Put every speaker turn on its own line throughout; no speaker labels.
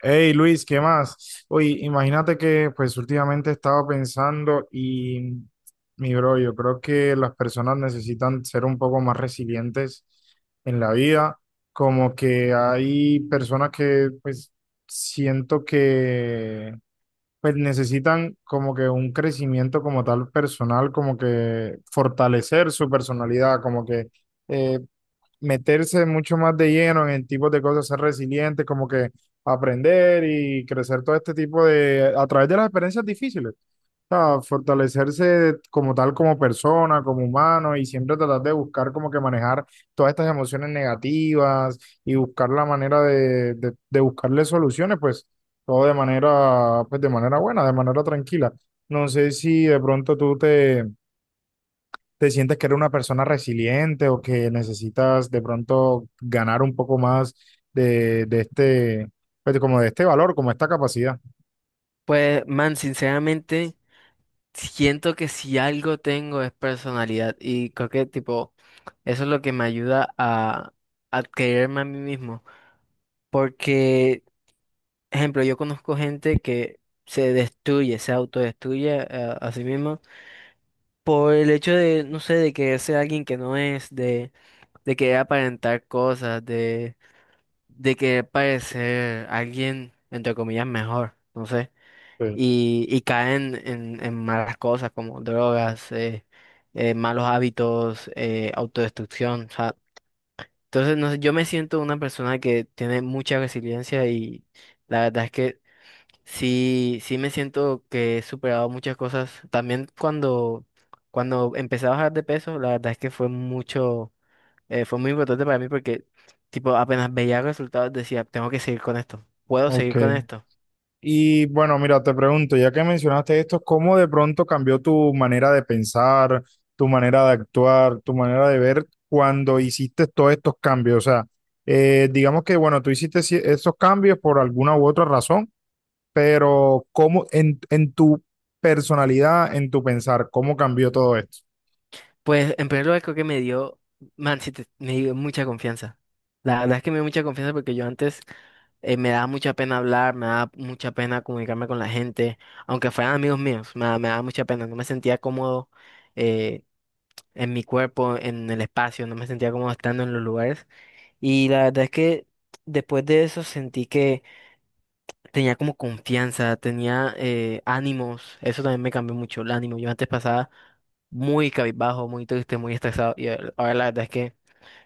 Hey Luis, ¿qué más? Oye, imagínate que pues últimamente estaba pensando y mi bro, yo creo que las personas necesitan ser un poco más resilientes en la vida, como que hay personas que pues siento que pues necesitan como que un crecimiento como tal personal, como que fortalecer su personalidad, como que eh, meterse mucho más de lleno en tipos de cosas, ser resilientes como que aprender y crecer todo este tipo de, a través de las experiencias difíciles, o sea, fortalecerse como tal, como persona, como humano y siempre tratar de buscar como que manejar todas estas emociones negativas y buscar la manera de buscarle soluciones, pues todo de manera, pues de manera buena, de manera tranquila. No sé si de pronto tú te ¿te sientes que eres una persona resiliente o que necesitas de pronto ganar un poco más de este, pues, como de este valor, como esta capacidad?
Pues, man, sinceramente, siento que si algo tengo es personalidad y creo que, tipo, eso es lo que me ayuda a quererme a mí mismo. Porque, ejemplo, yo conozco gente que se destruye, se autodestruye a sí misma por el hecho de, no sé, de querer ser alguien que no es, de querer aparentar cosas, de querer parecer alguien, entre comillas, mejor, no sé.
Sí.
Y caen en malas cosas como drogas, malos hábitos, autodestrucción. O sea, entonces, no sé, yo me siento una persona que tiene mucha resiliencia y la verdad es que sí, sí me siento que he superado muchas cosas. También cuando empecé a bajar de peso, la verdad es que fue mucho, fue muy importante para mí porque, tipo, apenas veía resultados decía, tengo que seguir con esto, puedo
Ok.
seguir con esto.
Y bueno, mira, te pregunto, ya que mencionaste esto, ¿cómo de pronto cambió tu manera de pensar, tu manera de actuar, tu manera de ver cuando hiciste todos estos cambios? O sea, digamos que, bueno, tú hiciste esos cambios por alguna u otra razón pero ¿cómo en tu personalidad, en tu pensar, cómo cambió todo esto?
Pues en primer lugar creo que me dio, man, sí, me dio mucha confianza. La verdad es que me dio mucha confianza porque yo antes me daba mucha pena hablar, me daba mucha pena comunicarme con la gente, aunque fueran amigos míos, me, me daba mucha pena, no me sentía cómodo eh, en mi cuerpo, en el espacio, no me sentía cómodo estando en los lugares. Y la verdad es que después de eso sentí que tenía como confianza, tenía ánimos, eso también me cambió mucho el ánimo. Yo antes pasaba muy cabizbajo, muy triste, muy estresado y ahora la verdad es que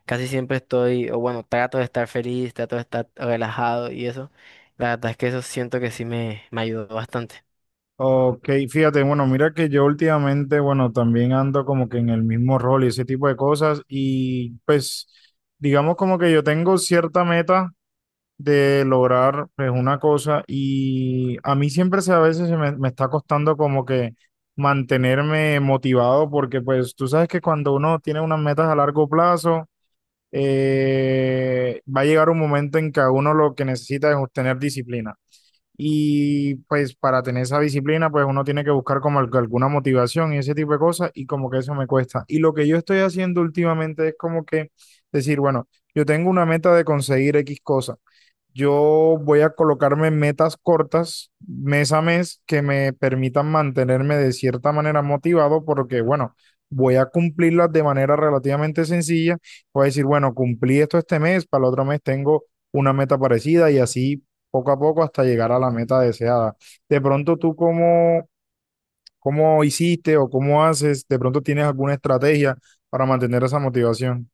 casi siempre estoy, o bueno, trato de estar feliz, trato de estar relajado y eso. La verdad es que eso siento que sí me ayudó bastante.
Ok, fíjate, bueno, mira que yo últimamente, bueno, también ando como que en el mismo rol y ese tipo de cosas y pues digamos como que yo tengo cierta meta de lograr pues una cosa y a mí siempre se, a veces se me, me está costando como que mantenerme motivado porque pues tú sabes que cuando uno tiene unas metas a largo plazo, va a llegar un momento en que a uno lo que necesita es tener disciplina. Y pues para tener esa disciplina, pues uno tiene que buscar como alguna motivación y ese tipo de cosas y como que eso me cuesta. Y lo que yo estoy haciendo últimamente es como que decir, bueno, yo tengo una meta de conseguir X cosa. Yo voy a colocarme metas cortas mes a mes que me permitan mantenerme de cierta manera motivado porque, bueno, voy a cumplirlas de manera relativamente sencilla. Voy a decir, bueno, cumplí esto este mes, para el otro mes tengo una meta parecida y así poco a poco hasta llegar a la meta deseada. De pronto tú cómo, cómo hiciste o cómo haces, de pronto tienes alguna estrategia para mantener esa motivación.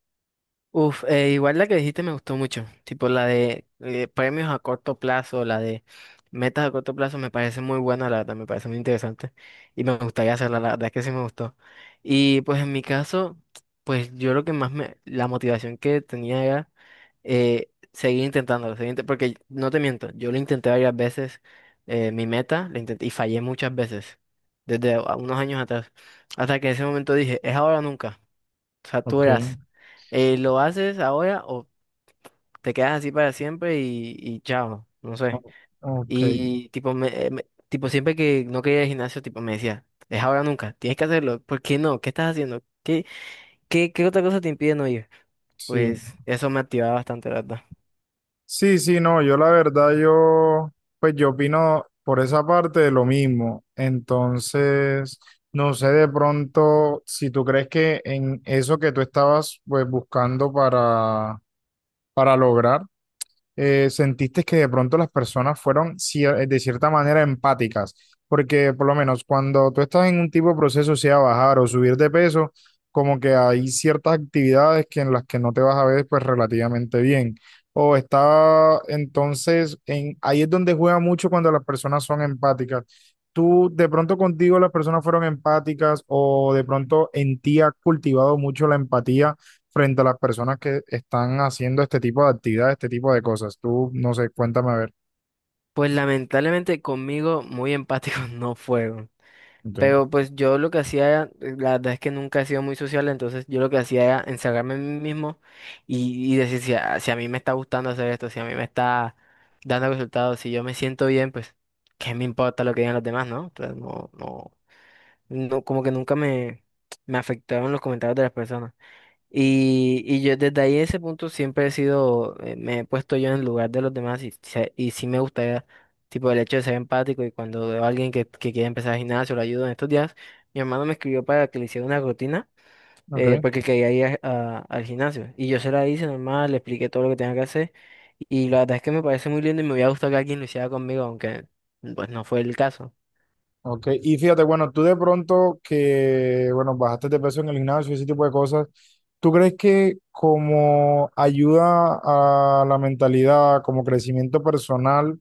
Igual la que dijiste me gustó mucho, tipo la de premios a corto plazo, la de metas a corto plazo me parece muy buena, la verdad, me parece muy interesante y me gustaría hacerla, la verdad es que sí me gustó. Y pues en mi caso, pues yo lo que más me, la motivación que tenía era seguir intentándolo, porque no te miento, yo lo intenté varias veces, mi meta, la intenté y fallé muchas veces, desde unos años atrás, hasta que en ese momento dije, es ahora o nunca
Ok,
saturas. ¿Lo haces ahora o te quedas así para siempre y chao? No sé.
o- ok,
Y tipo, me, tipo, siempre que no quería ir al gimnasio, tipo, me decía, es ahora o nunca, tienes que hacerlo. ¿Por qué no? ¿Qué estás haciendo? ¿Qué, qué, qué otra cosa te impide no ir?
sí.
Pues eso me activaba bastante, la verdad.
Sí, sí, no, yo la verdad, yo, pues yo opino por esa parte de lo mismo. Entonces, no sé de pronto si tú crees que en eso que tú estabas pues buscando para lograr sentiste que de pronto las personas fueron de cierta manera empáticas, porque por lo menos cuando tú estás en un tipo de proceso, sea bajar o subir de peso, como que hay ciertas actividades que en las que no te vas a ver pues relativamente bien. O está entonces, en, ahí es donde juega mucho cuando las personas son empáticas. ¿Tú de pronto contigo las personas fueron empáticas o de pronto en ti has cultivado mucho la empatía? Frente a las personas que están haciendo este tipo de actividades, este tipo de cosas. Tú, no sé, cuéntame a ver.
Pues lamentablemente conmigo muy empáticos no fueron.
Ok,
Pero pues yo lo que hacía, la verdad es que nunca he sido muy social, entonces yo lo que hacía era encerrarme en mí mismo y decir si a, si a mí me está gustando hacer esto, si a mí me está dando resultados, si yo me siento bien, pues qué me importa lo que digan los demás, ¿no? Entonces no, no, no, como que nunca me, me afectaron los comentarios de las personas. Y yo desde ahí ese punto siempre he sido, me he puesto yo en el lugar de los demás y, y sí me gustaría, tipo, el hecho de ser empático y cuando veo a alguien que quiere empezar el gimnasio, lo ayudo en estos días, mi hermano me escribió para que le hiciera una rutina
ok.
porque quería ir al gimnasio y yo se la hice normal, le expliqué todo lo que tenía que hacer y la verdad es que me parece muy lindo y me hubiera gustado que alguien lo hiciera conmigo, aunque pues no fue el caso.
Ok, y fíjate, bueno, tú de pronto que, bueno, bajaste de peso en el gimnasio, ese tipo de cosas, ¿tú crees que como ayuda a la mentalidad, como crecimiento personal,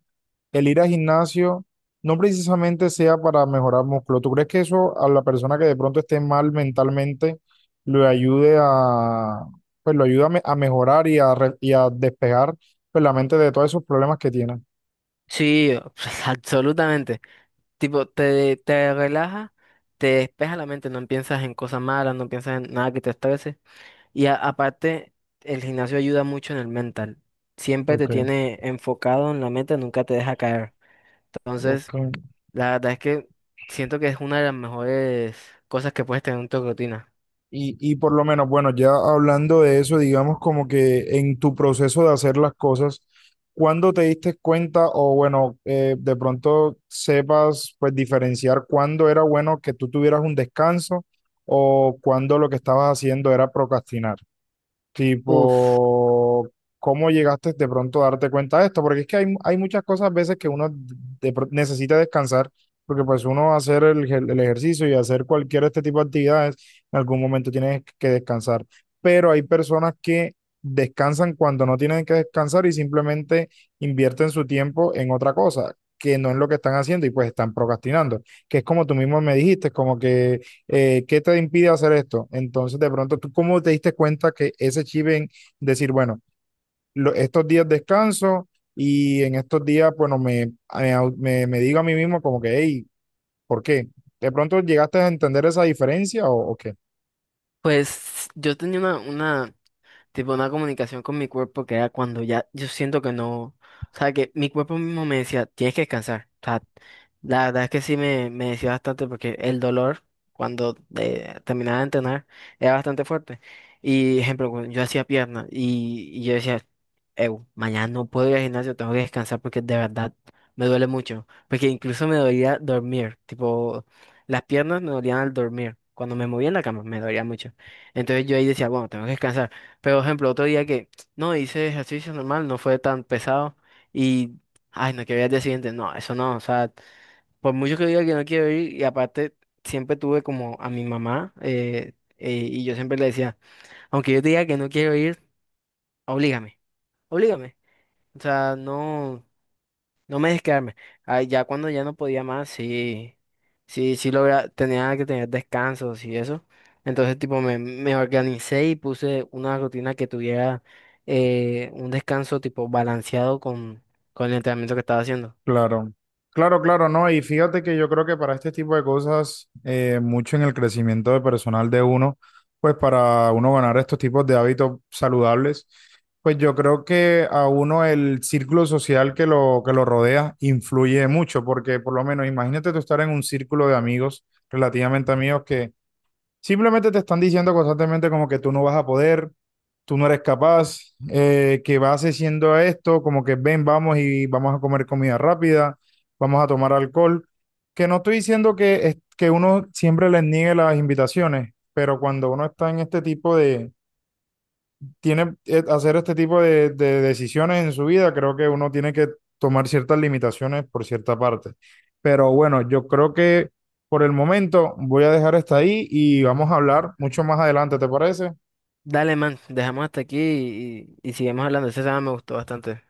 el ir al gimnasio no precisamente sea para mejorar músculo? ¿Tú crees que eso a la persona que de pronto esté mal mentalmente le ayude a, pues lo ayuda a, a mejorar y a, y a despegar, pues, la mente de todos esos problemas que tiene?
Sí, absolutamente. Tipo, te relaja, te despeja la mente, no piensas en cosas malas, no piensas en nada que te estrese. Y aparte, el gimnasio ayuda mucho en el mental. Siempre te
Ok,
tiene enfocado en la meta, nunca te deja caer.
ok.
Entonces, la verdad es que siento que es una de las mejores cosas que puedes tener en tu rutina.
Y por lo menos, bueno, ya hablando de eso, digamos como que en tu proceso de hacer las cosas, ¿cuándo te diste cuenta o bueno, de pronto sepas pues diferenciar cuándo era bueno que tú tuvieras un descanso o cuándo lo que estabas haciendo era procrastinar?
Uf,
Tipo, ¿cómo llegaste de pronto a darte cuenta de esto? Porque es que hay muchas cosas a veces que uno necesita descansar, porque pues uno hacer el ejercicio y hacer cualquier este tipo de actividades, en algún momento tienes que descansar. Pero hay personas que descansan cuando no tienen que descansar y simplemente invierten su tiempo en otra cosa, que no es lo que están haciendo y pues están procrastinando, que es como tú mismo me dijiste, como que ¿qué te impide hacer esto? Entonces, de pronto, ¿tú cómo te diste cuenta que ese chip en decir, bueno, estos días descanso y en estos días, bueno, me, me digo a mí mismo como que, hey, ¿por qué? ¿De pronto llegaste a entender esa diferencia o qué?
pues yo tenía una tipo una comunicación con mi cuerpo que era cuando ya yo siento que no, o sea, que mi cuerpo mismo me decía, tienes que descansar. O sea, la verdad es que sí me decía bastante porque el dolor cuando terminaba de entrenar era bastante fuerte. Y ejemplo, cuando yo hacía piernas y yo decía, "Ew, mañana no puedo ir al gimnasio, tengo que descansar porque de verdad me duele mucho. Porque incluso me dolía dormir, tipo, las piernas me dolían al dormir. Cuando me movía en la cama me dolía mucho. Entonces yo ahí decía, bueno, tengo que descansar. Pero, por ejemplo, otro día que no hice ejercicio normal, no fue tan pesado y, ay, no, que voy al día siguiente, no, eso no, o sea, por mucho que diga que no quiero ir, y aparte siempre tuve como a mi mamá y yo siempre le decía, aunque yo te diga que no quiero ir, oblígame, oblígame, o sea, no. No me dejes quedarme. Ay, ya cuando ya no podía más, sí, sí, tenía que tener descansos y eso. Entonces, tipo, me organicé y puse una rutina que tuviera un descanso tipo balanceado con el entrenamiento que estaba haciendo.
Claro, claro, claro, no. Y fíjate que yo creo que para este tipo de cosas, mucho en el crecimiento de personal de uno, pues para uno ganar estos tipos de hábitos saludables, pues yo creo que a uno el círculo social que lo rodea influye mucho, porque por lo menos imagínate tú estar en un círculo de amigos relativamente amigos que simplemente te están diciendo constantemente como que tú no vas a poder, tú no eres capaz, que vas haciendo esto, como que ven, vamos y vamos a comer comida rápida, vamos a tomar alcohol. Que no estoy diciendo que, que uno siempre les niegue las invitaciones, pero cuando uno está en este tipo de, tiene hacer este tipo de decisiones en su vida, creo que uno tiene que tomar ciertas limitaciones por cierta parte. Pero bueno, yo creo que por el momento voy a dejar hasta ahí y vamos a hablar mucho más adelante, ¿te parece?
Dale, man, dejamos hasta aquí y, y seguimos hablando. Ese tema me gustó bastante.